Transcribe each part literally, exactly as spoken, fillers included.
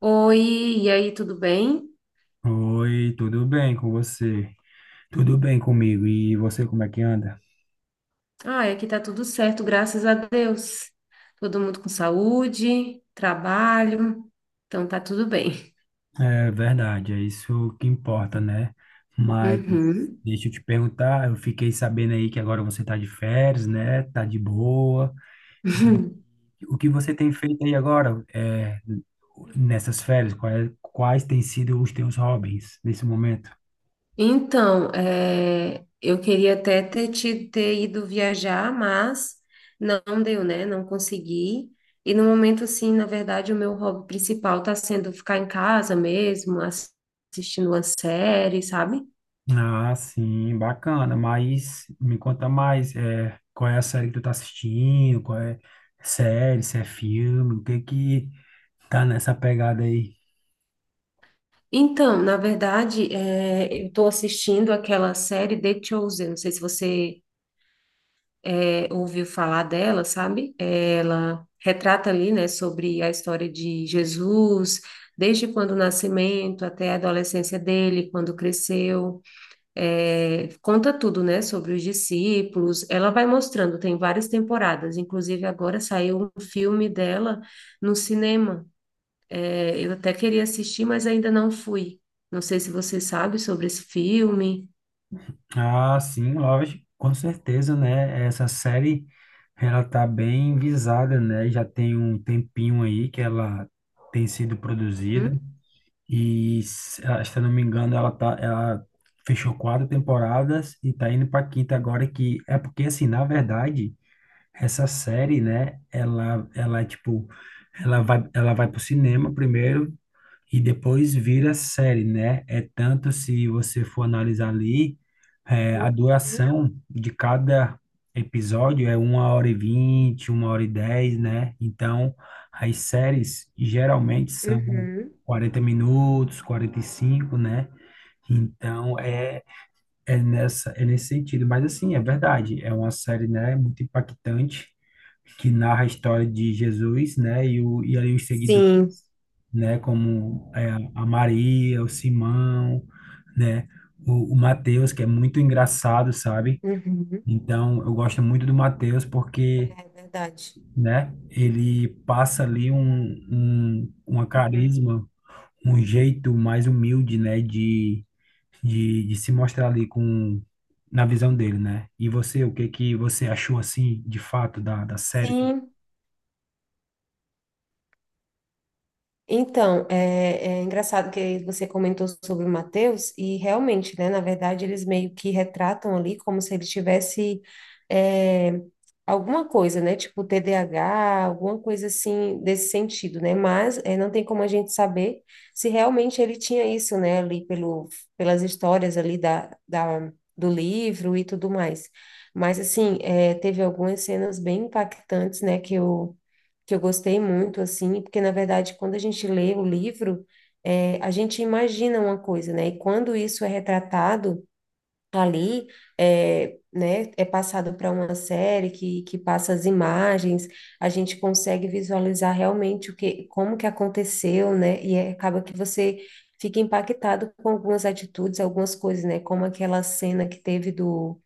Oi, e aí, tudo bem? Oi, tudo bem com você? Tudo bem comigo? E você, como é que anda? Ah, aqui tá tudo certo, graças a Deus. Todo mundo com saúde, trabalho, então tá tudo bem. É verdade, é isso que importa, né? Mas Uhum. deixa eu te perguntar, eu fiquei sabendo aí que agora você tá de férias, né? Tá de boa. O que você tem feito aí agora, é, nessas férias? Quais, quais têm sido os teus hobbies nesse momento? Então, é, eu queria até ter, te- ter ido viajar, mas não deu, né? Não consegui. E no momento, assim, na verdade, o meu hobby principal tá sendo ficar em casa mesmo, ass- assistindo uma série, sabe? Ah, sim, bacana. Mas me conta mais, é, qual é a série que tu tá assistindo? Qual é série, se é filme? O que que tá nessa pegada aí? Então, na verdade, é, eu estou assistindo aquela série The Chosen. Não sei se você é, ouviu falar dela, sabe? É, Ela retrata ali, né, sobre a história de Jesus, desde quando o nascimento até a adolescência dele, quando cresceu. É, conta tudo, né, sobre os discípulos. Ela vai mostrando, tem várias temporadas. Inclusive, agora saiu um filme dela no cinema. É, eu até queria assistir, mas ainda não fui. Não sei se você sabe sobre esse filme. Ah, sim, lógico, com certeza, né? Essa série, ela tá bem visada, né? Já tem um tempinho aí que ela tem sido produzida. Hum? E, se ah, se eu não me engano, ela tá, ela fechou quatro temporadas e tá indo pra quinta agora, que é porque assim, na verdade, essa série, né, ela, ela, tipo, ela vai, ela vai pro cinema primeiro e depois vira série, né? É tanto se você for analisar ali, é, Uhum. a duração de cada episódio é uma hora e vinte, uma hora e dez, né? Então, as séries geralmente são Uhum. quarenta minutos, quarenta e cinco, né? Então, é é nessa, é nesse sentido, mas assim, é verdade, é uma série, né, muito impactante, que narra a história de Jesus, né, e, o, e ali os seguidores, Sim. né, como é, a Maria, o Simão, né, o, o Mateus, que é muito engraçado, sabe? Uhum. Então, eu gosto muito do Mateus porque, É verdade. né, ele passa ali um, um, uma Uhum. carisma um jeito mais humilde, né, de, de, de se mostrar ali com na visão dele, né? E você, o que que você achou assim, de fato, da, da série? Sim. Então, é, é engraçado que você comentou sobre o Mateus, e realmente, né, na verdade, eles meio que retratam ali como se ele tivesse é, alguma coisa, né, tipo T D A H, alguma coisa assim desse sentido, né, mas é, não tem como a gente saber se realmente ele tinha isso, né, ali pelo, pelas histórias ali da, da, do livro e tudo mais. Mas, assim, é, teve algumas cenas bem impactantes, né, que eu que eu gostei muito, assim, porque na verdade, quando a gente lê o livro, é, a gente imagina uma coisa, né? E quando isso é retratado ali, é, né, é passado para uma série que, que passa as imagens, a gente consegue visualizar realmente o que, como que aconteceu, né? E é- acaba que você fica impactado com algumas atitudes, algumas coisas, né? Como aquela cena que teve do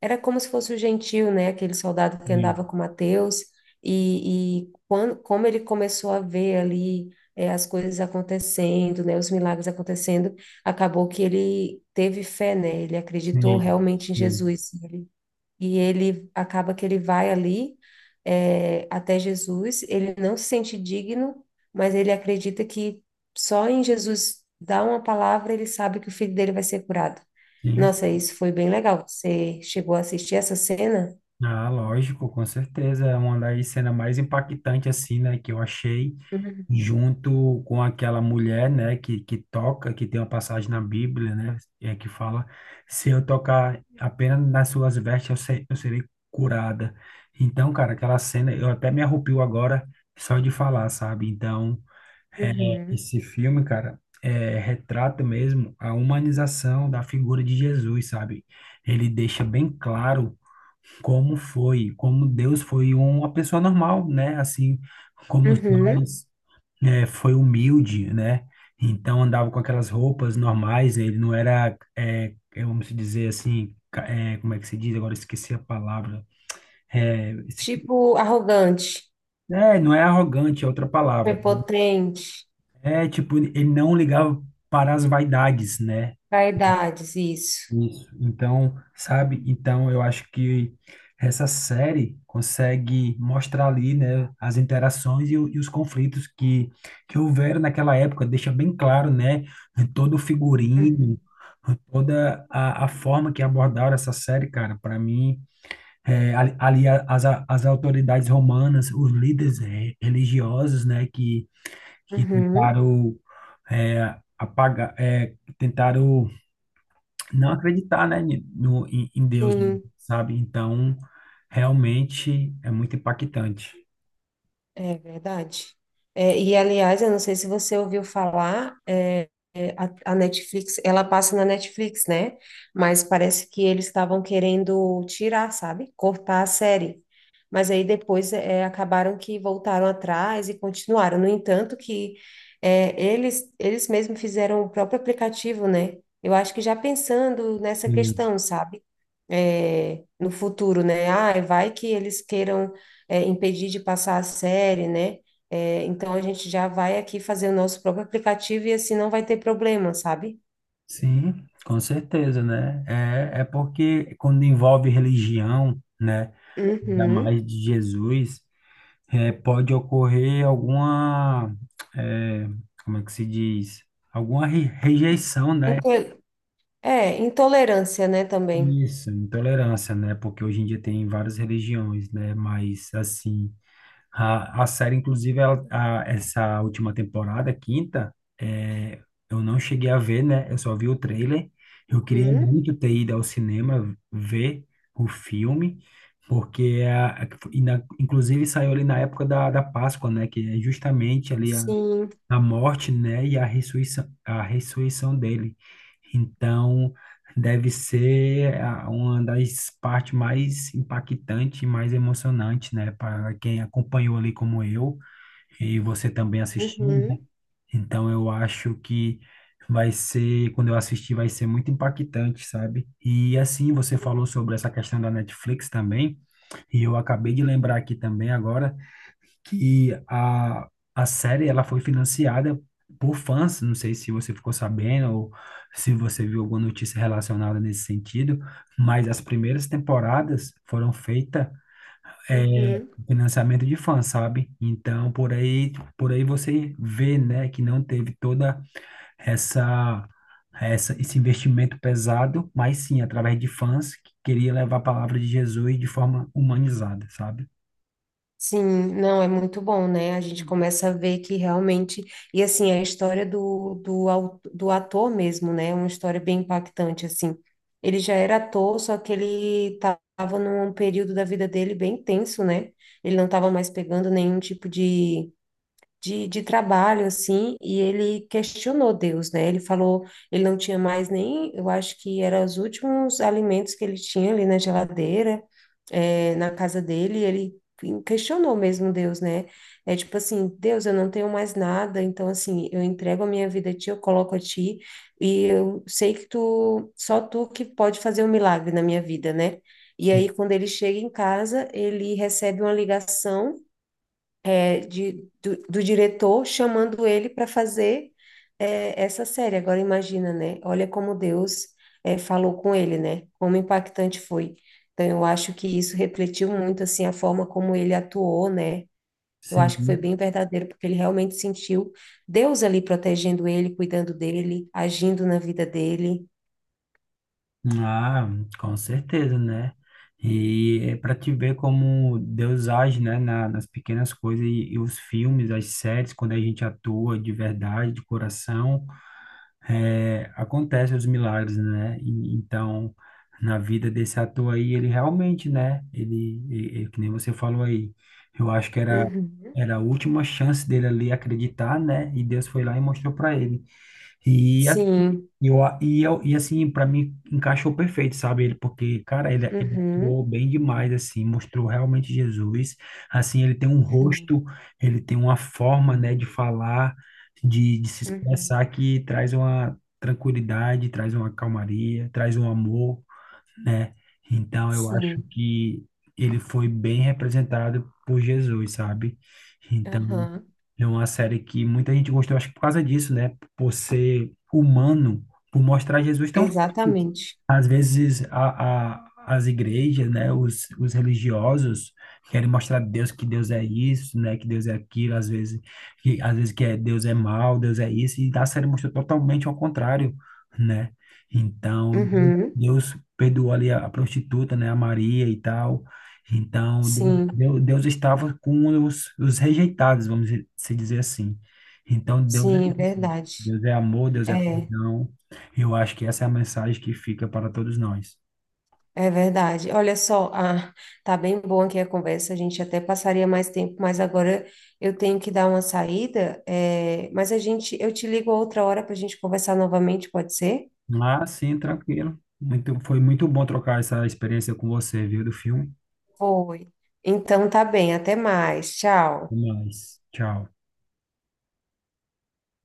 era como se fosse o Gentil, né? Aquele soldado que andava Sim, com Mateus. E, e quando, como ele começou a ver ali eh, as coisas acontecendo, né? Os milagres acontecendo, acabou que ele teve fé, né? Ele acreditou sim, realmente em sim, Jesus e ele acaba que ele vai ali é, até Jesus, ele não se sente digno, mas ele acredita que só em Jesus dar uma palavra ele sabe que o filho dele vai ser curado. sim. Nossa, isso foi bem legal. Você chegou a assistir essa cena? Ah, lógico, com certeza, é uma das cenas mais impactantes assim, né, que eu achei. Uhum, Junto com aquela mulher, né, que, que toca, que tem uma passagem na Bíblia, né, é, que fala, se eu tocar apenas nas suas vestes, eu, se- eu serei curada. Então, cara, aquela cena, eu até me arrepio agora só de falar, sabe? Então, uhum, esse filme, cara, é, retrata mesmo a humanização da figura de Jesus, sabe? Ele deixa bem claro como foi, como Deus foi uma pessoa normal, né? Assim, como uhum. nós, é, foi humilde, né? Então andava com aquelas roupas normais, né? Ele não era, é, é, vamos dizer assim, ca- é, como é que se diz? Agora eu esqueci a palavra. É, esse- Tipo arrogante, é, não é arrogante, é outra palavra. prepotente, É tipo, ele não ligava para as vaidades, né? vaidades, isso. Isso. Então, sabe? Então, eu acho que essa série consegue mostrar ali, né, as interações e, o- e os conflitos que, que houveram naquela época. Deixa bem claro, né, todo o Uhum, figurino, toda a, a forma que abordaram essa série, cara. Para mim, é, ali ali a- as, a- as autoridades romanas, os líderes é, religiosos, né, que, que uhum, tentaram é, apagar, é, tentaram não acreditar, né, ni- no, em, em Deus, sim. sabe? Então, realmente é muito impactante. É verdade. É, e, aliás, eu não sei se você ouviu falar, é, é, a, a Netflix, ela passa na Netflix, né? Mas parece que eles estavam querendo tirar, sabe? Cortar a série. Mas aí depois é, acabaram que voltaram atrás e continuaram. No entanto, que é, eles, eles mesmos fizeram o próprio aplicativo, né? Eu acho que já pensando nessa Sim. questão, sabe? É, no futuro, né? Ah, vai que eles queiram é, impedir de passar a série, né? É, então a gente já vai aqui fazer o nosso próprio aplicativo e assim não vai ter problema, sabe? Sim, com certeza, né? É, é porque quando envolve religião, né, ainda Uhum. mais de Jesus, é, pode ocorrer alguma, é, como é que se diz? Alguma re- rejeição, né? Into- É, intolerância, né, também. Isso, intolerância, né? Porque hoje em dia tem várias religiões, né? Mas, assim, A, a série, inclusive, ela, a- essa última temporada, quinta, é, eu não cheguei a ver, né? Eu só vi o trailer. Eu queria Uhum. muito ter ido ao cinema ver o filme, porque, a, a- e na- inclusive, saiu ali na época da, da Páscoa, né? Que é justamente ali Sim. a morte, né, e a ressurreição, a ressurreição dele. Então, deve ser a- uma das partes mais impactantes e mais emocionantes, né, para quem acompanhou ali como eu e você também assistiu, né? Uhum. Então, eu acho que vai ser, quando eu assistir, vai ser muito impactante, sabe? E assim, você Sim. falou sobre essa questão da Netflix também, e eu acabei de lembrar aqui também agora que a, a série ela foi financiada por fãs. Não sei se você ficou sabendo ou se você viu alguma notícia relacionada nesse sentido, mas as primeiras temporadas foram feitas é, Uhum. com financiamento de fãs, sabe? Então por aí por aí você vê, né, que não teve toda essa essa, esse investimento pesado, mas sim através de fãs que queria levar a palavra de Jesus de forma humanizada, sabe? Sim, não, é muito bom, né? A gente começa a ver que realmente. E assim, a história do, do, au- do ator mesmo, né? É uma história bem impactante, assim. Ele já era ator, só que ele estava num período da vida dele bem tenso, né? Ele não estava mais pegando nenhum tipo de de, de trabalho, assim, e ele questionou Deus, né? Ele falou, ele não tinha mais nem, eu acho que eram os últimos alimentos que ele tinha ali na geladeira, eh, na casa dele, e ele questionou mesmo Deus, né? É tipo assim, Deus, eu não tenho mais nada, então assim, eu entrego a minha vida a ti, eu coloco a ti, e eu sei que tu, só tu que pode fazer um milagre na minha vida, né? E aí, Sim, quando ele chega em casa, ele recebe uma ligação é, de, do, do diretor chamando ele para fazer é, essa série. Agora imagina, né? Olha como Deus é, falou com ele, né? Como impactante foi. Então eu acho que isso refletiu muito assim a forma como ele atuou, né? Eu acho que foi sim. bem verdadeiro porque ele realmente sentiu Deus ali protegendo ele, cuidando dele, agindo na vida dele. Ah, com certeza, né? E é para te ver como Deus age, né, na- nas pequenas coisas e, e os filmes, as séries, quando a gente atua de verdade, de coração, é, acontecem os milagres, né? E, então, na vida desse ator aí, ele realmente, né? Ele, e- e que nem você falou aí, eu acho que era Uhum. era a última chance dele ali acreditar, né? E Deus foi lá e mostrou para ele. E Sim. e, eu, a- e, eu, e assim, para mim, encaixou perfeito, sabe? Ele, porque, cara, ele, ele Uhum. atuou bem demais, assim, mostrou realmente Jesus. Assim, ele tem um Sim. rosto, ele tem uma forma, né, de falar, de, de se expressar Uhum. que traz uma tranquilidade, traz uma calmaria, traz um amor, né? Então eu acho Sim. que ele foi bem representado por Jesus, sabe? Então Aham. é uma série que muita gente gostou, acho que por causa disso, né? Por ser humano, por mostrar Jesus tão Exatamente. às vezes a, a, as igrejas, né, os, os religiosos querem mostrar a Deus que Deus é isso, né, que Deus é aquilo, às vezes que às vezes que é Deus é mal, Deus é isso, e a série mostra totalmente ao contrário, né? Então, Deus Uhum. Deus perdoou ali a, a prostituta, né, a Maria e tal. Então, Deus, Sim, Deus Deus estava com os, os rejeitados, vamos se dizer assim. Então, Deus é, sim, é isso. verdade. Deus é amor, Deus é É, perdão. Eu acho que essa é a mensagem que fica para todos nós. é verdade. Olha só, ah, tá bem bom aqui a conversa, a gente até passaria mais tempo, mas agora eu tenho que dar uma saída, é, mas a gente, eu te ligo outra hora para a gente conversar novamente, pode ser? Mas sim, tranquilo. Muito, foi muito bom trocar essa experiência com você, viu, do filme. Foi. Então tá bem, até mais. Até Tchau. mais. Tchau.